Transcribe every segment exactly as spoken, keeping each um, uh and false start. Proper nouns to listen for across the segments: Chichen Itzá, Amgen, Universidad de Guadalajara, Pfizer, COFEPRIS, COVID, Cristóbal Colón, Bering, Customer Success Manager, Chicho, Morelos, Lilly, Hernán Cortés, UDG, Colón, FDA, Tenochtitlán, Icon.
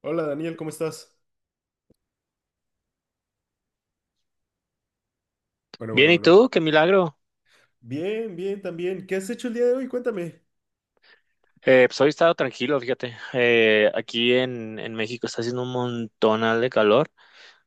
Hola Daniel, ¿cómo estás? Bueno, Bien, bueno, ¿y bueno. tú? ¡Qué milagro! Bien, bien, también. ¿Qué has hecho el día de hoy? Cuéntame. Eh, pues hoy he estado tranquilo, fíjate. Eh, aquí en, en México está haciendo un montonal de calor.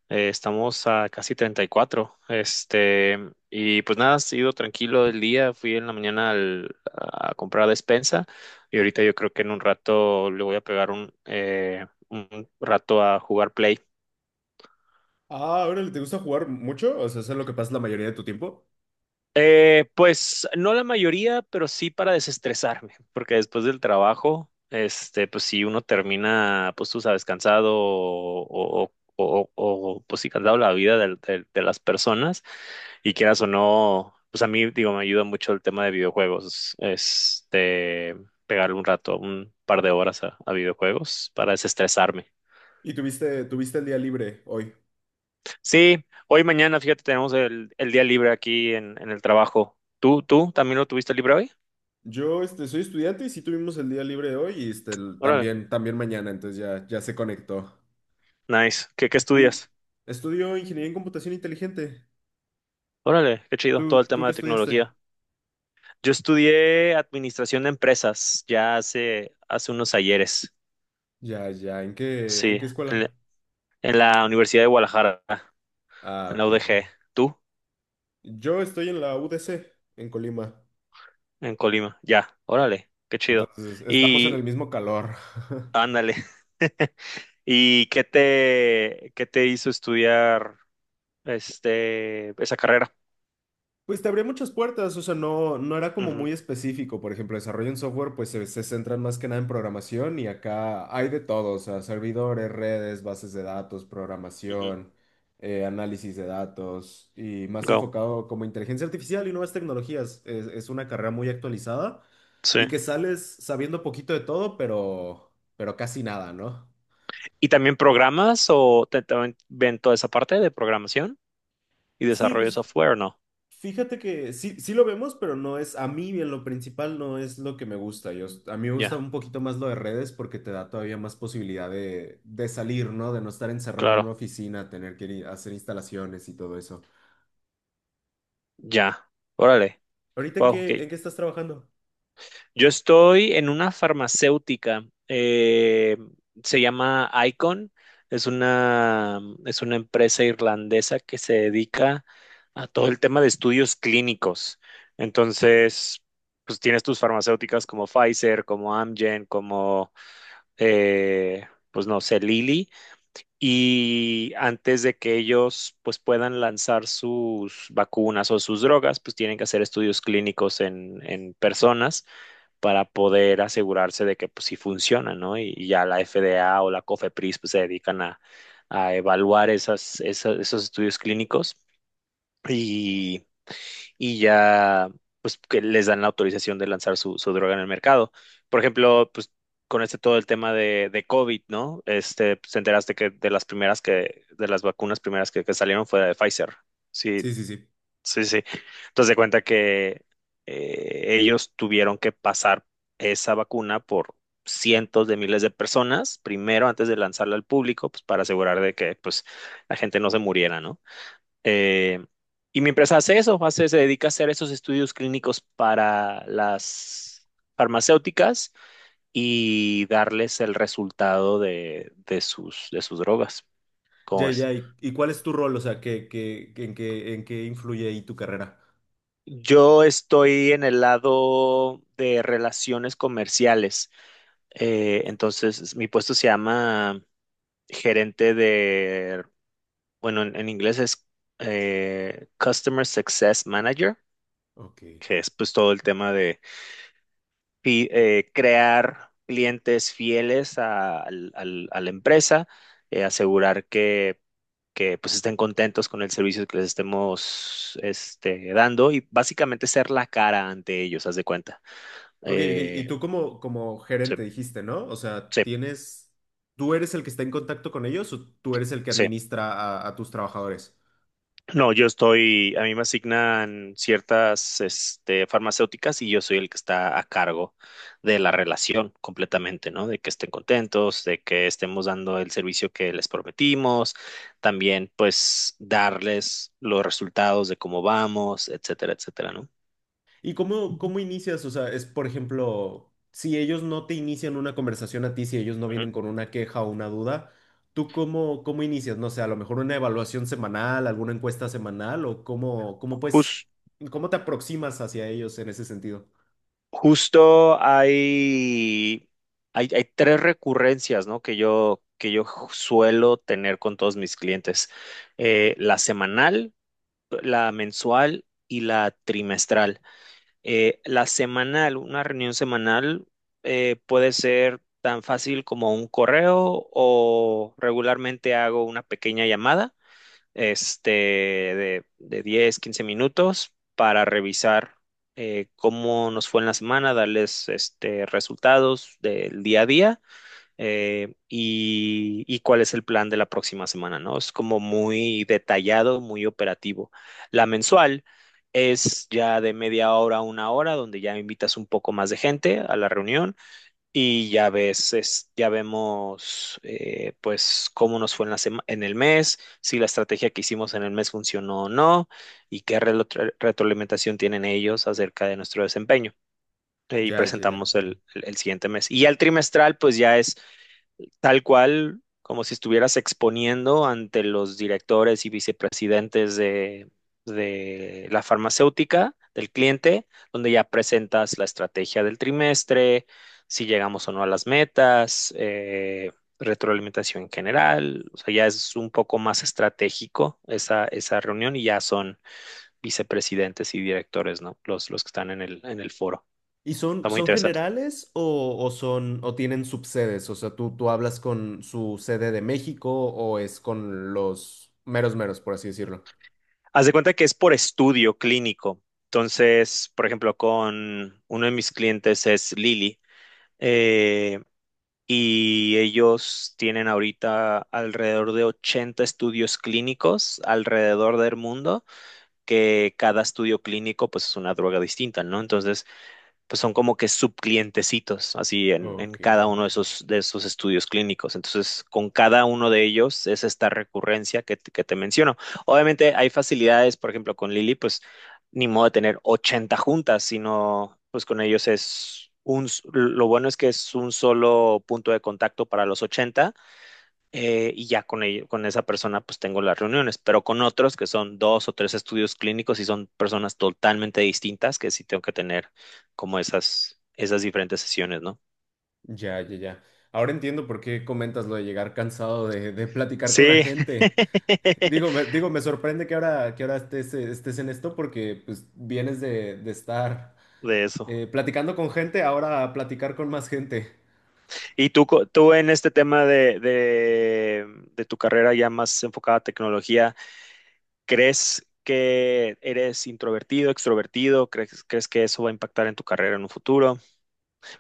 Eh, estamos a casi treinta y cuatro, Este, y pues nada, ha sido tranquilo el día. Fui en la mañana al- a comprar despensa y ahorita yo creo que en un rato le voy a pegar un, eh, un rato a jugar Play. Ah, órale, ¿te gusta jugar mucho? O sea, ¿es en lo que pasas la mayoría de tu tiempo? Eh, pues no la mayoría, pero sí para desestresarme, porque después del trabajo, este, pues si uno termina, pues tú sabes, cansado o, o- o- o, pues sí, cansado la vida del- del- de, las personas, y quieras o no, pues a mí, digo, me ayuda mucho el tema de videojuegos, este, pegarle un rato, un par de horas a, a videojuegos para desestresarme. ¿Y tuviste, tuviste el día libre hoy? Sí, hoy mañana, fíjate, tenemos el, el día libre aquí en, en el trabajo. ¿Tú, tú también lo tuviste libre hoy? Yo, este, soy estudiante y sí tuvimos el día libre hoy y este, el- Órale. también, también mañana, entonces ya, ya se conectó. Nice. ¿Qué, qué Y estudias? estudio ingeniería en computación inteligente. Órale, qué chido, todo ¿Tú, el tú tema qué de estudiaste? tecnología. Yo estudié administración de empresas ya hace, hace unos ayeres, Ya, ya, ¿en qué, en sí, qué en, la escuela? en la Universidad de Guadalajara, Ah, en la ok. U D G. ¿Tú? Yo estoy en la U D C, en Colima. En Colima, ya. Órale, qué chido. Entonces, estamos en el Y mismo calor. ándale. ¿Y qué te, qué te hizo estudiar este, esa carrera? Pues te abría muchas puertas, o sea, no, no era como Ujú, muy específico. Por ejemplo, desarrollo en software, pues se, se centran más que nada en programación y acá hay de todo, o sea, servidores, redes, bases de datos, ujú. programación, eh, análisis de datos y más Go. enfocado como inteligencia artificial y nuevas tecnologías. Es, es una carrera muy actualizada Sí. y que sales sabiendo poquito de todo, pero, pero casi nada, ¿no? ¿Y también programas o te, también ven toda esa parte de programación y Sí, desarrollo de pues software, ¿o ¿no? fíjate que sí, sí lo vemos, pero no es, a mí en lo principal no es lo que me gusta. Yo, a mí me gusta Ya, un poquito más lo de redes porque te da todavía más posibilidad de, de salir, ¿no? De no estar encerrado en una claro, oficina, tener que ir a hacer instalaciones y todo eso. ya. Órale. ¿Ahorita en Wow, ok. qué, en qué estás trabajando? Yo estoy en una farmacéutica. Eh, se llama Icon. Es una, es una empresa irlandesa que se dedica a todo el tema de estudios clínicos. Entonces, pues tienes tus farmacéuticas como Pfizer, como Amgen, como, eh, pues no sé, Lilly. Y antes de que ellos pues puedan lanzar sus vacunas o sus drogas, pues tienen que hacer estudios clínicos en, en personas para poder asegurarse de que pues sí funcionan, ¿no? Y, y ya la F D A o la COFEPRIS pues se dedican a, a evaluar esas, esa- esos estudios clínicos. Y y ya pues que les dan la autorización de lanzar su, su droga en el mercado. Por ejemplo, pues con este todo el tema de, de COVID, ¿no? Este, pues, te enteraste que de las primeras que, de las vacunas primeras que, que salieron fue la de Pfizer. Sí, Sí, sí, sí. sí, sí. Entonces de cuenta que eh, ellos tuvieron que pasar esa vacuna por cientos de miles de personas primero antes de lanzarla al público, pues para asegurar de que pues la gente no se muriera, ¿no? Eh, y mientras hace eso, hace, se dedica a hacer esos estudios clínicos para las farmacéuticas y darles el resultado de, de sus, de sus drogas. ¿Cómo Ya, es? ya, ¿y, y cuál es tu rol? O sea, ¿qué, qué- en qué, en qué influye ahí tu carrera? Yo estoy en el lado de relaciones comerciales. Eh, entonces, mi puesto se llama gerente de, bueno, en, en inglés es eh, Customer Success Manager, Ok. que es pues todo el tema de fi- eh, crear clientes fieles a, al- al- a la empresa, eh, asegurar que, que pues estén contentos con el servicio que les estemos este, dando, y básicamente ser la cara ante ellos, haz de cuenta. Ok, ok, y Eh, tú como, como sí, gerente dijiste, ¿no? O sea, sí, tienes, ¿tú eres el que está en contacto con ellos o tú eres el que sí. administra a, a tus trabajadores? No, yo estoy, a mí me asignan ciertas, este, farmacéuticas, y yo soy el que está a cargo de la relación completamente, ¿no? De que estén contentos, de que estemos dando el servicio que les prometimos, también pues darles los resultados de cómo vamos, etcétera, etcétera, ¿no? ¿Y cómo, cómo inicias? O sea, es, por ejemplo, si ellos no te inician una conversación a ti, si ellos no Ujú. vienen con una queja o una duda, ¿tú cómo, cómo inicias? No sé, a lo mejor una evaluación semanal, alguna encuesta semanal o cómo, cómo pues, Jus- ¿cómo te aproximas hacia ellos en ese sentido? Justo hay, hay, hay tres recurrencias, ¿no? Que yo, que yo suelo tener con todos mis clientes. Eh, la semanal, la mensual y la trimestral. Eh, la semanal, una reunión semanal, eh, puede ser tan fácil como un correo o regularmente hago una pequeña llamada, este, de, de diez quince minutos para revisar eh, cómo nos fue en la semana, darles este, resultados del día a día, eh, y, y cuál es el plan de la próxima semana, ¿no? Es como muy detallado, muy operativo. La mensual es ya de media hora a una hora, donde ya invitas un poco más de gente a la reunión, y ya ves, es- ya vemos eh, pues cómo nos fue en la sema- en el mes, si la estrategia que hicimos en el mes funcionó o no y qué relo- re- retroalimentación tienen ellos acerca de nuestro desempeño. Eh, Y Ya, ya, presentamos ya. el, el el siguiente mes. Y ya el trimestral, pues ya es tal cual como si estuvieras exponiendo ante los directores y vicepresidentes de, de la farmacéutica, del cliente, donde ya presentas la estrategia del trimestre, si llegamos o no a las metas, eh, retroalimentación en general, o sea, ya es un poco más estratégico esa, esa reunión, y ya son vicepresidentes y directores, ¿no? Los, los que están en el, en el foro. ¿Y son, Está muy son interesante. generales o, o son o tienen subsedes? O sea, tú, tú hablas con su sede de México o es con los meros meros, por así decirlo. Haz de cuenta que es por estudio clínico. Entonces, por ejemplo, con uno de mis clientes es Lili, eh, y ellos tienen ahorita alrededor de ochenta estudios clínicos alrededor del mundo, que cada estudio clínico pues es una droga distinta, ¿no? Entonces, pues son como que subclientecitos, así en, en Ok, cada uno de esos, de esos estudios clínicos. Entonces, con cada uno de ellos es esta recurrencia que, te- que te menciono. Obviamente hay facilidades, por ejemplo, con Lili, pues ni modo de tener ochenta juntas, sino pues con ellos es un, s- lo bueno es que es un solo punto de contacto para los ochenta, eh, y ya con, ello- con esa persona pues tengo las reuniones, pero con otros que son dos o tres estudios clínicos y son personas totalmente distintas que sí tengo que tener como esas, esas diferentes sesiones, ¿no? ya, ya, ya. Ahora entiendo por qué comentas lo de llegar cansado de, de platicar con la Sí, gente. Digo, me, digo, me sorprende que ahora, que ahora estés, eh, estés en esto porque pues, vienes de, de estar de eso. eh, platicando con gente, ahora a platicar con más gente. ¿Y tú, co- tú en este tema de, de, de tu carrera ya más enfocada a tecnología, crees que eres introvertido, extrovertido? ¿Crees, crees que eso va a impactar en tu carrera en un futuro?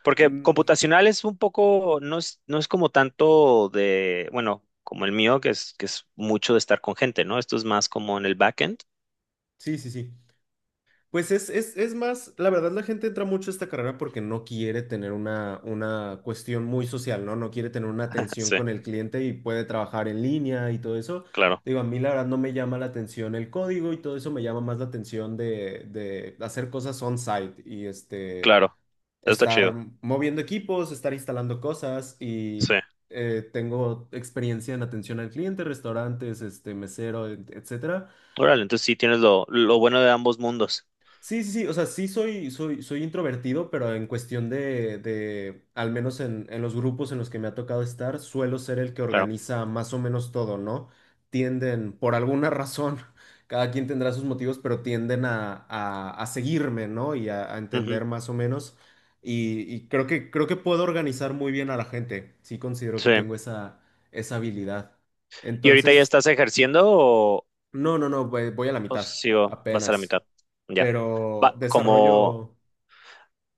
Porque Mm, computacional es un poco, no es, no es como tanto de, bueno, como el mío, que es, que es mucho de estar con gente, ¿no? Esto es más como en el backend. sí, sí, sí. Pues es, es, es más, la verdad la gente entra mucho a esta carrera porque no quiere tener una, una cuestión muy social, ¿no? No quiere tener una atención Sí, con el cliente y puede trabajar en línea y todo eso. claro, Digo, a mí la verdad no me llama la atención el código y todo eso me llama más la atención de, de hacer cosas on-site y este, claro. Eso está estar chido. moviendo equipos, estar instalando cosas y Sí. eh, tengo experiencia en atención al cliente, restaurantes, este, mesero, et- etcétera. Órale, entonces sí tienes lo, lo bueno de ambos mundos. Sí, sí, sí, o sea, sí soy, soy, soy introvertido, pero en cuestión de, de, al menos en, en los grupos en los que me ha tocado estar, suelo ser el que Claro. organiza más o menos todo, ¿no? Tienden, por alguna razón, cada quien tendrá sus motivos, pero tienden a, a- a seguirme, ¿no? Y a, a Ujú. entender más o menos. Y, y creo que, creo que puedo organizar muy bien a la gente. Sí considero que Sí. tengo esa, esa habilidad. ¿Y ahorita ya Entonces, estás ejerciendo o, no, no, no, voy voy a la o mitad, sí, o vas a la apenas mitad? Ya. pero Va, como, desarrollo.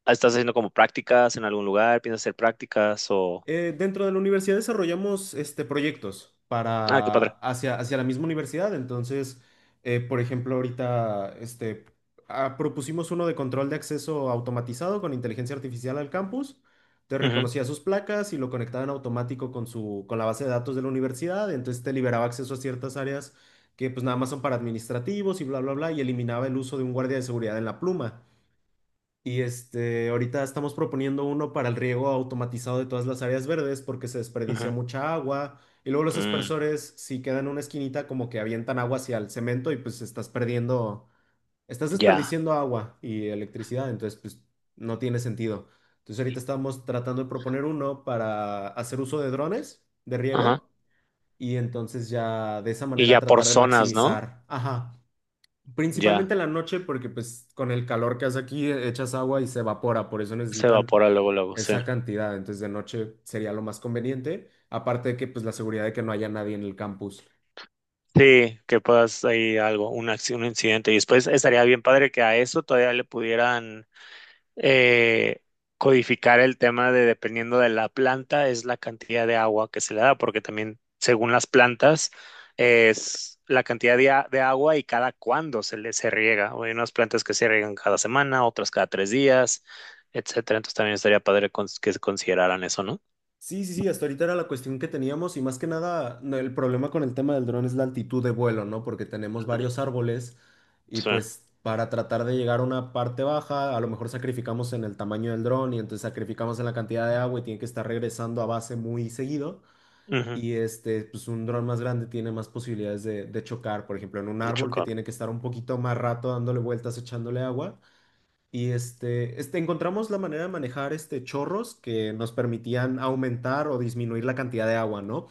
¿estás haciendo como prácticas en algún lugar? ¿Piensas hacer prácticas o...? Eh, dentro de la universidad desarrollamos este, proyectos Ah, qué para padre. hacia, hacia la misma universidad. Entonces, eh, por ejemplo, ahorita este, ah, propusimos uno de control de acceso automatizado con inteligencia artificial al campus. Te Ujú, reconocía sus placas y lo conectaba en automático con su, con la base de datos de la universidad. Entonces te liberaba acceso a ciertas áreas que pues nada más son para administrativos y bla, bla, bla, y eliminaba el uso de un guardia de seguridad en la pluma. Y este, ahorita estamos proponiendo uno para el riego automatizado de todas las áreas verdes porque se desperdicia ujú. mucha agua. Y luego los Mm, aspersores, si quedan en una esquinita, como que avientan agua hacia el cemento y pues estás perdiendo, estás ya. desperdiciando agua y electricidad, entonces pues no tiene sentido. Entonces ahorita estamos tratando de proponer uno para hacer uso de drones de Ajá. riego y entonces ya de esa Y manera ya por tratar de zonas, ¿no? maximizar, ajá, principalmente Ya en la noche, porque pues con el calor que hace aquí e- echas agua y se evapora, por eso se necesitan evapora luego, luego, sí. esa cantidad. Entonces de noche sería lo más conveniente, aparte de que pues la seguridad de que no haya nadie en el campus. Sí, que puedas ahí algo, un, acci- un incidente. Y después estaría bien padre que a eso todavía le pudieran eh, codificar el tema de dependiendo de la planta, es la cantidad de agua que se le da, porque también según las plantas es la cantidad de, a- de agua y cada cuándo se le se riega. O hay unas plantas que se riegan cada semana, otras cada tres días, etcétera. Entonces también estaría padre cons- que se consideraran eso, ¿no? Sí, sí, sí, hasta ahorita era la cuestión que teníamos y más que nada no, el problema con el tema del dron es la altitud de vuelo, ¿no? Porque tenemos Ujú. varios árboles y Sí. pues para tratar de llegar a una parte baja, a lo mejor sacrificamos en el tamaño del dron y entonces sacrificamos en la cantidad de agua y tiene que estar regresando a base muy seguido. Ujú. Y este, pues un dron más grande tiene más posibilidades de, de chocar, por ejemplo, en un De árbol que chocar. tiene que estar un poquito más rato dándole vueltas, echándole agua. Y este, este, encontramos la manera de manejar este chorros que nos permitían aumentar o disminuir la cantidad de agua, ¿no?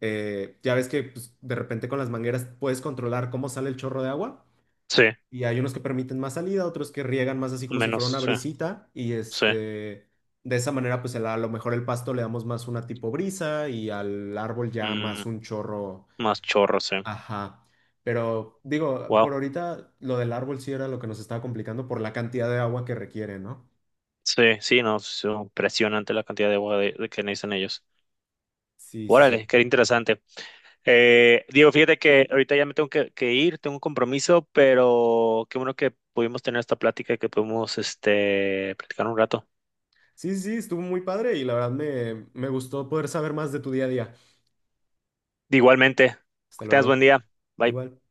Eh, ya ves que pues, de repente con las mangueras puedes controlar cómo sale el chorro de agua. Sí, Y hay unos que permiten más salida, otros que riegan más así como si fuera menos, una sí, brisita. Y sí. este, de esa manera, pues el- a lo mejor el pasto le damos más una tipo brisa y al árbol ya Mm, más un chorro. más chorro, sí. Ajá. Pero digo, por Wow. ahorita lo del árbol sí era lo que nos estaba complicando por la cantidad de agua que requiere, ¿no? Sí, sí, no, es impresionante la cantidad de agua de, de que necesitan ellos. Sí, sí, Órale, sí. qué interesante. Eh, Diego, fíjate que ahorita ya me tengo que, que ir, tengo un compromiso, pero qué bueno que pudimos tener esta plática y que pudimos este, platicar un rato. Sí, sí, sí, estuvo muy padre y la verdad me, me gustó poder saber más de tu día a día. Igualmente, Hasta que tengas buen luego. día. Bye. Igual.